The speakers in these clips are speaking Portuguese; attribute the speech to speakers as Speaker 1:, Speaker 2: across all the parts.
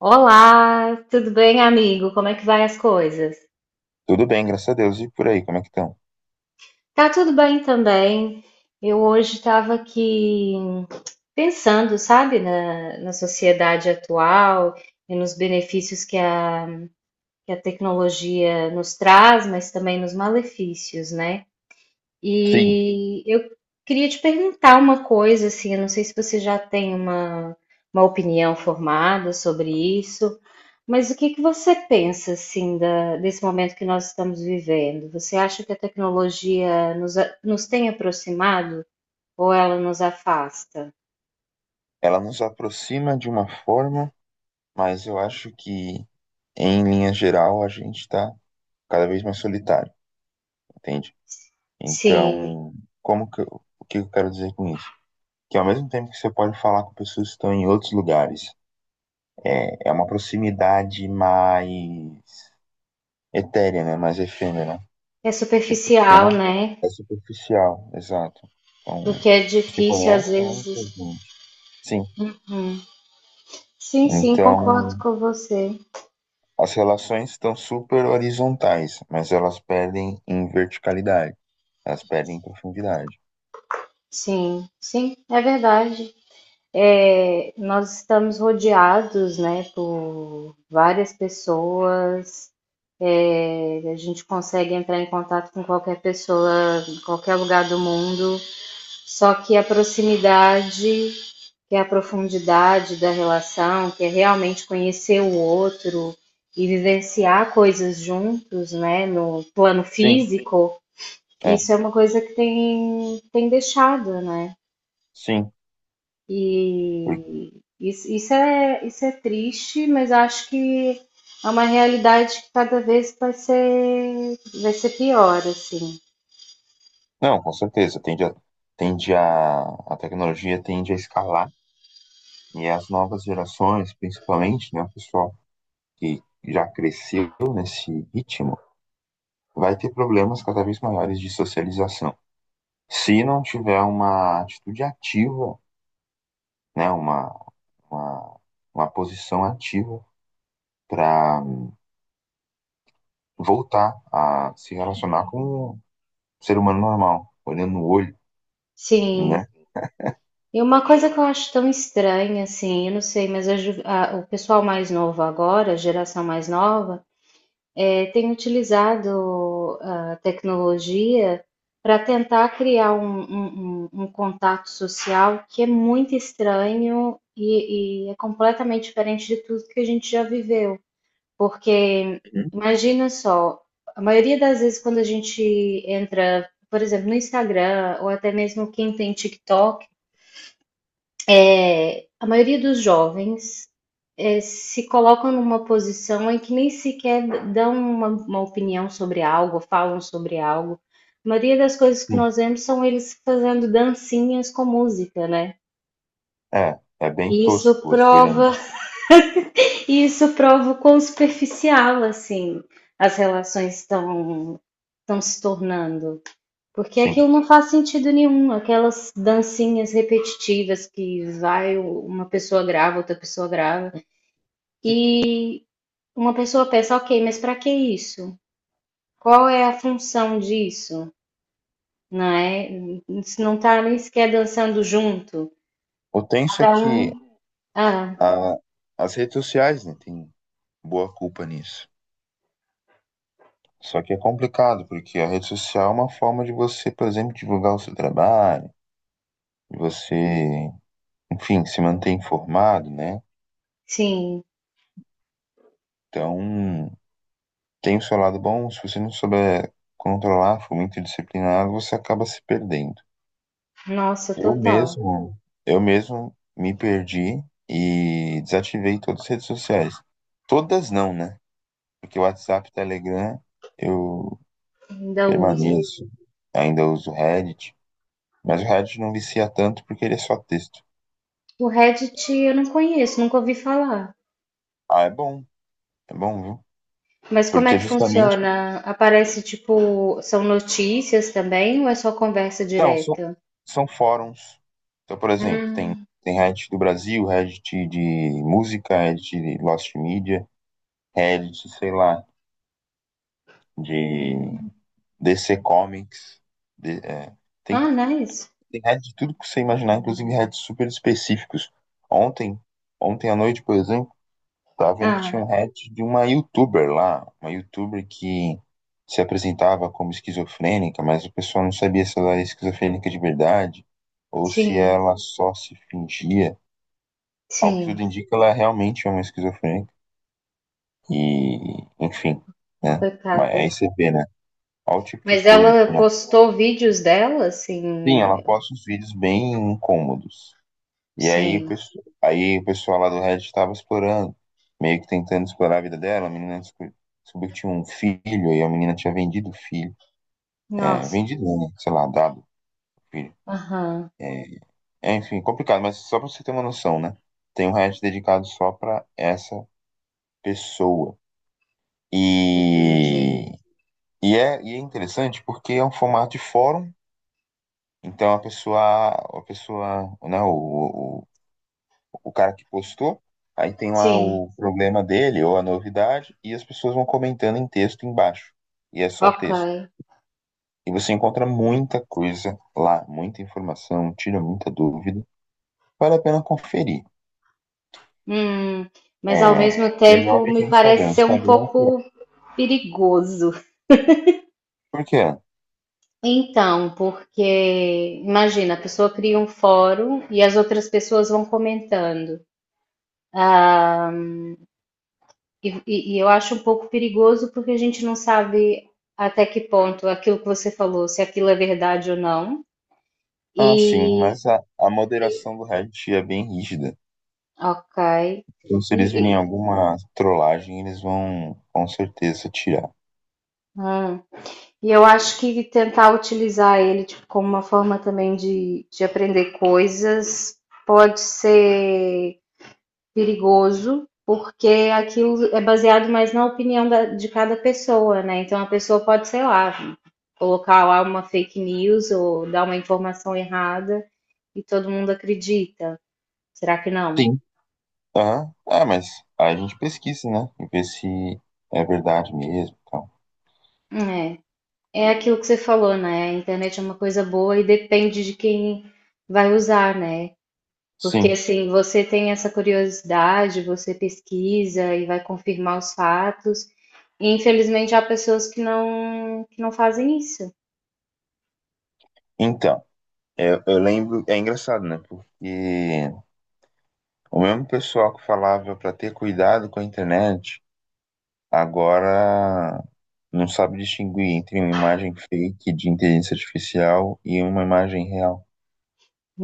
Speaker 1: Olá, tudo bem, amigo? Como é que vai as coisas?
Speaker 2: Tudo bem, graças a Deus. E por aí, como é que estão?
Speaker 1: Tá tudo bem também. Eu hoje estava aqui pensando, sabe, na sociedade atual e nos benefícios que a tecnologia nos traz, mas também nos malefícios, né?
Speaker 2: Sim,
Speaker 1: E eu queria te perguntar uma coisa, assim, eu não sei se você já tem uma opinião formada sobre isso, mas o que que você pensa, assim, desse momento que nós estamos vivendo? Você acha que a tecnologia nos tem aproximado ou ela nos afasta?
Speaker 2: ela nos aproxima de uma forma, mas eu acho que, em linha geral, a gente está cada vez mais solitário, entende?
Speaker 1: Sim,
Speaker 2: Então, como que eu, o que eu quero dizer com isso? Que ao mesmo tempo que você pode falar com pessoas que estão em outros lugares, é uma proximidade mais etérea, né? Mais efêmera, né?
Speaker 1: é
Speaker 2: Tipo, você
Speaker 1: superficial,
Speaker 2: não
Speaker 1: né?
Speaker 2: É superficial, exato. Então,
Speaker 1: Porque é
Speaker 2: você
Speaker 1: difícil às
Speaker 2: conhece, né?
Speaker 1: vezes.
Speaker 2: Gente. Sim.
Speaker 1: Sim, sim,
Speaker 2: Então,
Speaker 1: concordo com você.
Speaker 2: as relações estão super horizontais, mas elas perdem em verticalidade, elas perdem em profundidade.
Speaker 1: Sim, sim, é verdade. É, nós estamos rodeados, né, por várias pessoas. É, a gente consegue entrar em contato com qualquer pessoa, em qualquer lugar do mundo. Só que a proximidade, que é a profundidade da relação, que é realmente conhecer o outro e vivenciar coisas juntos, né, no plano
Speaker 2: Sim,
Speaker 1: físico,
Speaker 2: é,
Speaker 1: isso é uma coisa que tem deixado, né?
Speaker 2: sim. Por-
Speaker 1: E isso é triste, mas acho que é uma realidade que cada vez vai ser pior, assim.
Speaker 2: Não, com certeza. Tende a tecnologia tende a escalar e as novas gerações, principalmente, né, o pessoal que já cresceu nesse ritmo, vai ter problemas cada vez maiores de socialização. Se não tiver uma atitude ativa, né, uma, uma posição ativa para voltar a se relacionar com um ser humano normal, olhando no olho,
Speaker 1: Sim.
Speaker 2: né?
Speaker 1: E uma coisa que eu acho tão estranha, assim, eu não sei, mas o pessoal mais novo agora, a geração mais nova, tem utilizado a tecnologia para tentar criar um contato social que é muito estranho e é completamente diferente de tudo que a gente já viveu. Porque
Speaker 2: Uhum.
Speaker 1: imagina só, a maioria das vezes quando a gente entra, por exemplo, no Instagram ou até mesmo quem tem TikTok, é, a maioria dos jovens se colocam numa posição em que nem sequer dão uma opinião sobre algo, falam sobre algo. A maioria das coisas que
Speaker 2: Sim.
Speaker 1: nós vemos são eles fazendo dancinhas com música, né?
Speaker 2: É, é bem
Speaker 1: E
Speaker 2: tosco você olhando.
Speaker 1: e isso prova o quão superficial assim as relações estão se tornando. Porque
Speaker 2: Sim.
Speaker 1: aquilo não faz sentido nenhum, aquelas dancinhas repetitivas que vai uma pessoa grava, outra pessoa grava. E uma pessoa pensa, ok, mas para que isso? Qual é a função disso? Não é? Não tá nem sequer dançando junto.
Speaker 2: O tenso é
Speaker 1: Cada
Speaker 2: que
Speaker 1: um. Ah,
Speaker 2: a- as redes sociais, né, têm boa culpa nisso. Só que é complicado, porque a rede social é uma forma de você, por exemplo, divulgar o seu trabalho, de você, enfim, se manter informado, né?
Speaker 1: sim.
Speaker 2: Então, tem o seu lado bom, se você não souber controlar, for muito disciplinado, você acaba se perdendo.
Speaker 1: Nossa,
Speaker 2: Eu
Speaker 1: total.
Speaker 2: mesmo, eu mesmo me perdi e desativei todas as redes sociais. Todas não, né? Porque o WhatsApp, Telegram, eu
Speaker 1: Ainda usa.
Speaker 2: permaneço, ainda uso o Reddit, mas o Reddit não vicia tanto porque ele é só texto.
Speaker 1: O Reddit eu não conheço, nunca ouvi falar.
Speaker 2: Ah, é bom, viu?
Speaker 1: Mas como é
Speaker 2: Porque
Speaker 1: que
Speaker 2: justamente,
Speaker 1: funciona? Aparece tipo, são notícias também ou é só conversa
Speaker 2: não, são,
Speaker 1: direta?
Speaker 2: são fóruns. Então, por exemplo,
Speaker 1: Hum.
Speaker 2: tem Reddit do Brasil, Reddit de música, Reddit de Lost Media, Reddit, sei lá, de DC Comics, de- é, tem,
Speaker 1: Ah, nice.
Speaker 2: tem heads de tudo que você imaginar, inclusive heads super específicos. Ontem, ontem à noite, por exemplo, tava vendo que tinha
Speaker 1: Ah,
Speaker 2: um head de uma YouTuber lá, uma YouTuber que se apresentava como esquizofrênica, mas a pessoa não sabia se ela era esquizofrênica de verdade ou se
Speaker 1: sim,
Speaker 2: ela só se fingia. Ao que
Speaker 1: sim,
Speaker 2: tudo indica, ela realmente é uma esquizofrênica. E, enfim, né? Mas aí
Speaker 1: coitada.
Speaker 2: você vê, né? Olha o tipo de
Speaker 1: Mas
Speaker 2: coisa, tipo,
Speaker 1: ela postou vídeos dela,
Speaker 2: sim, ela
Speaker 1: assim,
Speaker 2: posta uns vídeos bem incômodos. E aí o
Speaker 1: sim.
Speaker 2: pessoal, aí o pessoal lá do Reddit estava explorando, meio que tentando explorar a vida dela. Descobriu que tinha um filho e a menina tinha vendido o filho. É,
Speaker 1: Nossa,
Speaker 2: vendido, né? Sei lá, dado o filho.
Speaker 1: aham,
Speaker 2: É, enfim, complicado, mas só pra você ter uma noção, né? Tem um Reddit dedicado só pra essa pessoa.
Speaker 1: entendi.
Speaker 2: E, e é interessante porque é um formato de fórum. Então a pessoa, né, o cara que postou, aí tem lá
Speaker 1: Sim,
Speaker 2: o problema dele ou a novidade, e as pessoas vão comentando em texto embaixo. E é só
Speaker 1: ok.
Speaker 2: texto. E você encontra muita coisa lá, muita informação, tira muita dúvida. Vale a pena conferir.
Speaker 1: Hum, mas ao
Speaker 2: É
Speaker 1: mesmo
Speaker 2: melhor
Speaker 1: tempo
Speaker 2: do que
Speaker 1: me
Speaker 2: o Instagram.
Speaker 1: parece ser um
Speaker 2: Instagram é pior.
Speaker 1: pouco perigoso.
Speaker 2: Por quê?
Speaker 1: Então, porque imagina, a pessoa cria um fórum e as outras pessoas vão comentando. Ah, e eu acho um pouco perigoso porque a gente não sabe até que ponto aquilo que você falou, se aquilo é verdade ou não.
Speaker 2: Ah, sim, mas a moderação do Reddit é bem rígida.
Speaker 1: Ok.
Speaker 2: Então, se
Speaker 1: E,
Speaker 2: eles virem
Speaker 1: e-
Speaker 2: alguma trollagem, eles vão com certeza tirar.
Speaker 1: hum. E eu acho que tentar utilizar ele tipo, como uma forma também de aprender coisas pode ser perigoso, porque aquilo é baseado mais na opinião de cada pessoa, né? Então a pessoa pode, sei lá, colocar lá uma fake news ou dar uma informação errada e todo mundo acredita. Será que não?
Speaker 2: Sim. Aham. Ah, mas aí a gente pesquisa, né? E vê se é verdade mesmo, e tal.
Speaker 1: É. É aquilo que você falou, né? A internet é uma coisa boa e depende de quem vai usar, né? Porque
Speaker 2: Sim.
Speaker 1: assim, você tem essa curiosidade, você pesquisa e vai confirmar os fatos. E infelizmente há pessoas que não fazem isso.
Speaker 2: Então, eu lembro. É engraçado, né? Porque o mesmo pessoal que falava pra ter cuidado com a internet, agora não sabe distinguir entre uma imagem fake de inteligência artificial e uma imagem real,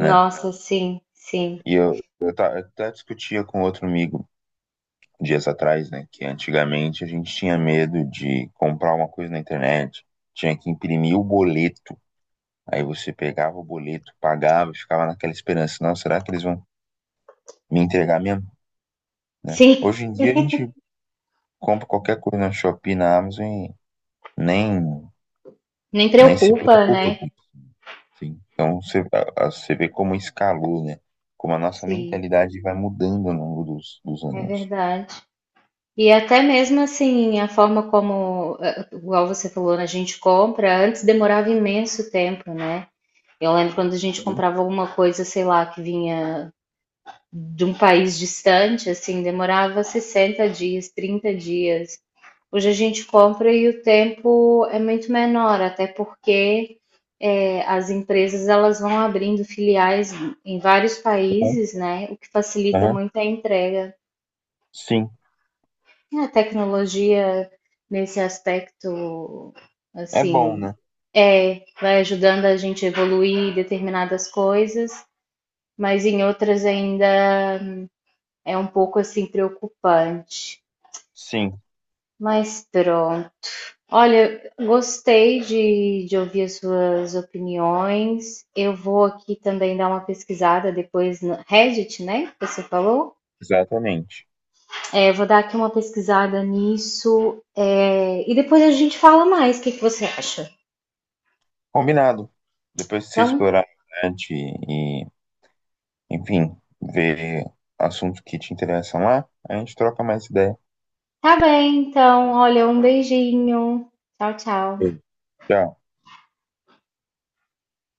Speaker 2: né?
Speaker 1: sim, sim.
Speaker 2: E eu até discutia com outro amigo dias atrás, né? Que antigamente a gente tinha medo de comprar uma coisa na internet, tinha que imprimir o boleto. Aí você pegava o boleto, pagava, ficava naquela esperança, não, será que eles vão me entregar mesmo, né?
Speaker 1: Sim,
Speaker 2: Hoje em dia a gente compra qualquer coisa na Shopee, na Amazon e nem,
Speaker 1: nem
Speaker 2: nem se
Speaker 1: preocupa,
Speaker 2: preocupa com
Speaker 1: né?
Speaker 2: isso, assim. Então você, você vê como escalou, né? Como a nossa
Speaker 1: Sim,
Speaker 2: mentalidade vai mudando ao longo dos
Speaker 1: é
Speaker 2: anos.
Speaker 1: verdade. E até mesmo assim, a forma como, igual você falou, né, a gente compra, antes demorava imenso tempo, né? Eu lembro quando a gente comprava alguma coisa, sei lá, que vinha de um país distante, assim, demorava 60 dias, 30 dias. Hoje a gente compra e o tempo é muito menor, até porque é, as empresas elas vão abrindo filiais em vários
Speaker 2: Uhum.
Speaker 1: países, né? O que facilita
Speaker 2: Aham,
Speaker 1: muito a entrega.
Speaker 2: sim,
Speaker 1: E a tecnologia nesse aspecto,
Speaker 2: é bom,
Speaker 1: assim,
Speaker 2: né?
Speaker 1: é, vai ajudando a gente a evoluir determinadas coisas mas em outras ainda é um pouco assim preocupante.
Speaker 2: Sim,
Speaker 1: Mas pronto. Olha, gostei de ouvir as suas opiniões. Eu vou aqui também dar uma pesquisada depois no Reddit, né? Que você falou?
Speaker 2: exatamente.
Speaker 1: É, vou dar aqui uma pesquisada nisso é, e depois a gente fala mais. O que que você acha?
Speaker 2: Combinado. Depois que você
Speaker 1: Então,
Speaker 2: explorar a internet e, enfim, ver assuntos que te interessam lá, a gente troca mais ideia.
Speaker 1: tá bem. Então, olha, um beijinho. Tchau, tchau.
Speaker 2: Beijo, tchau.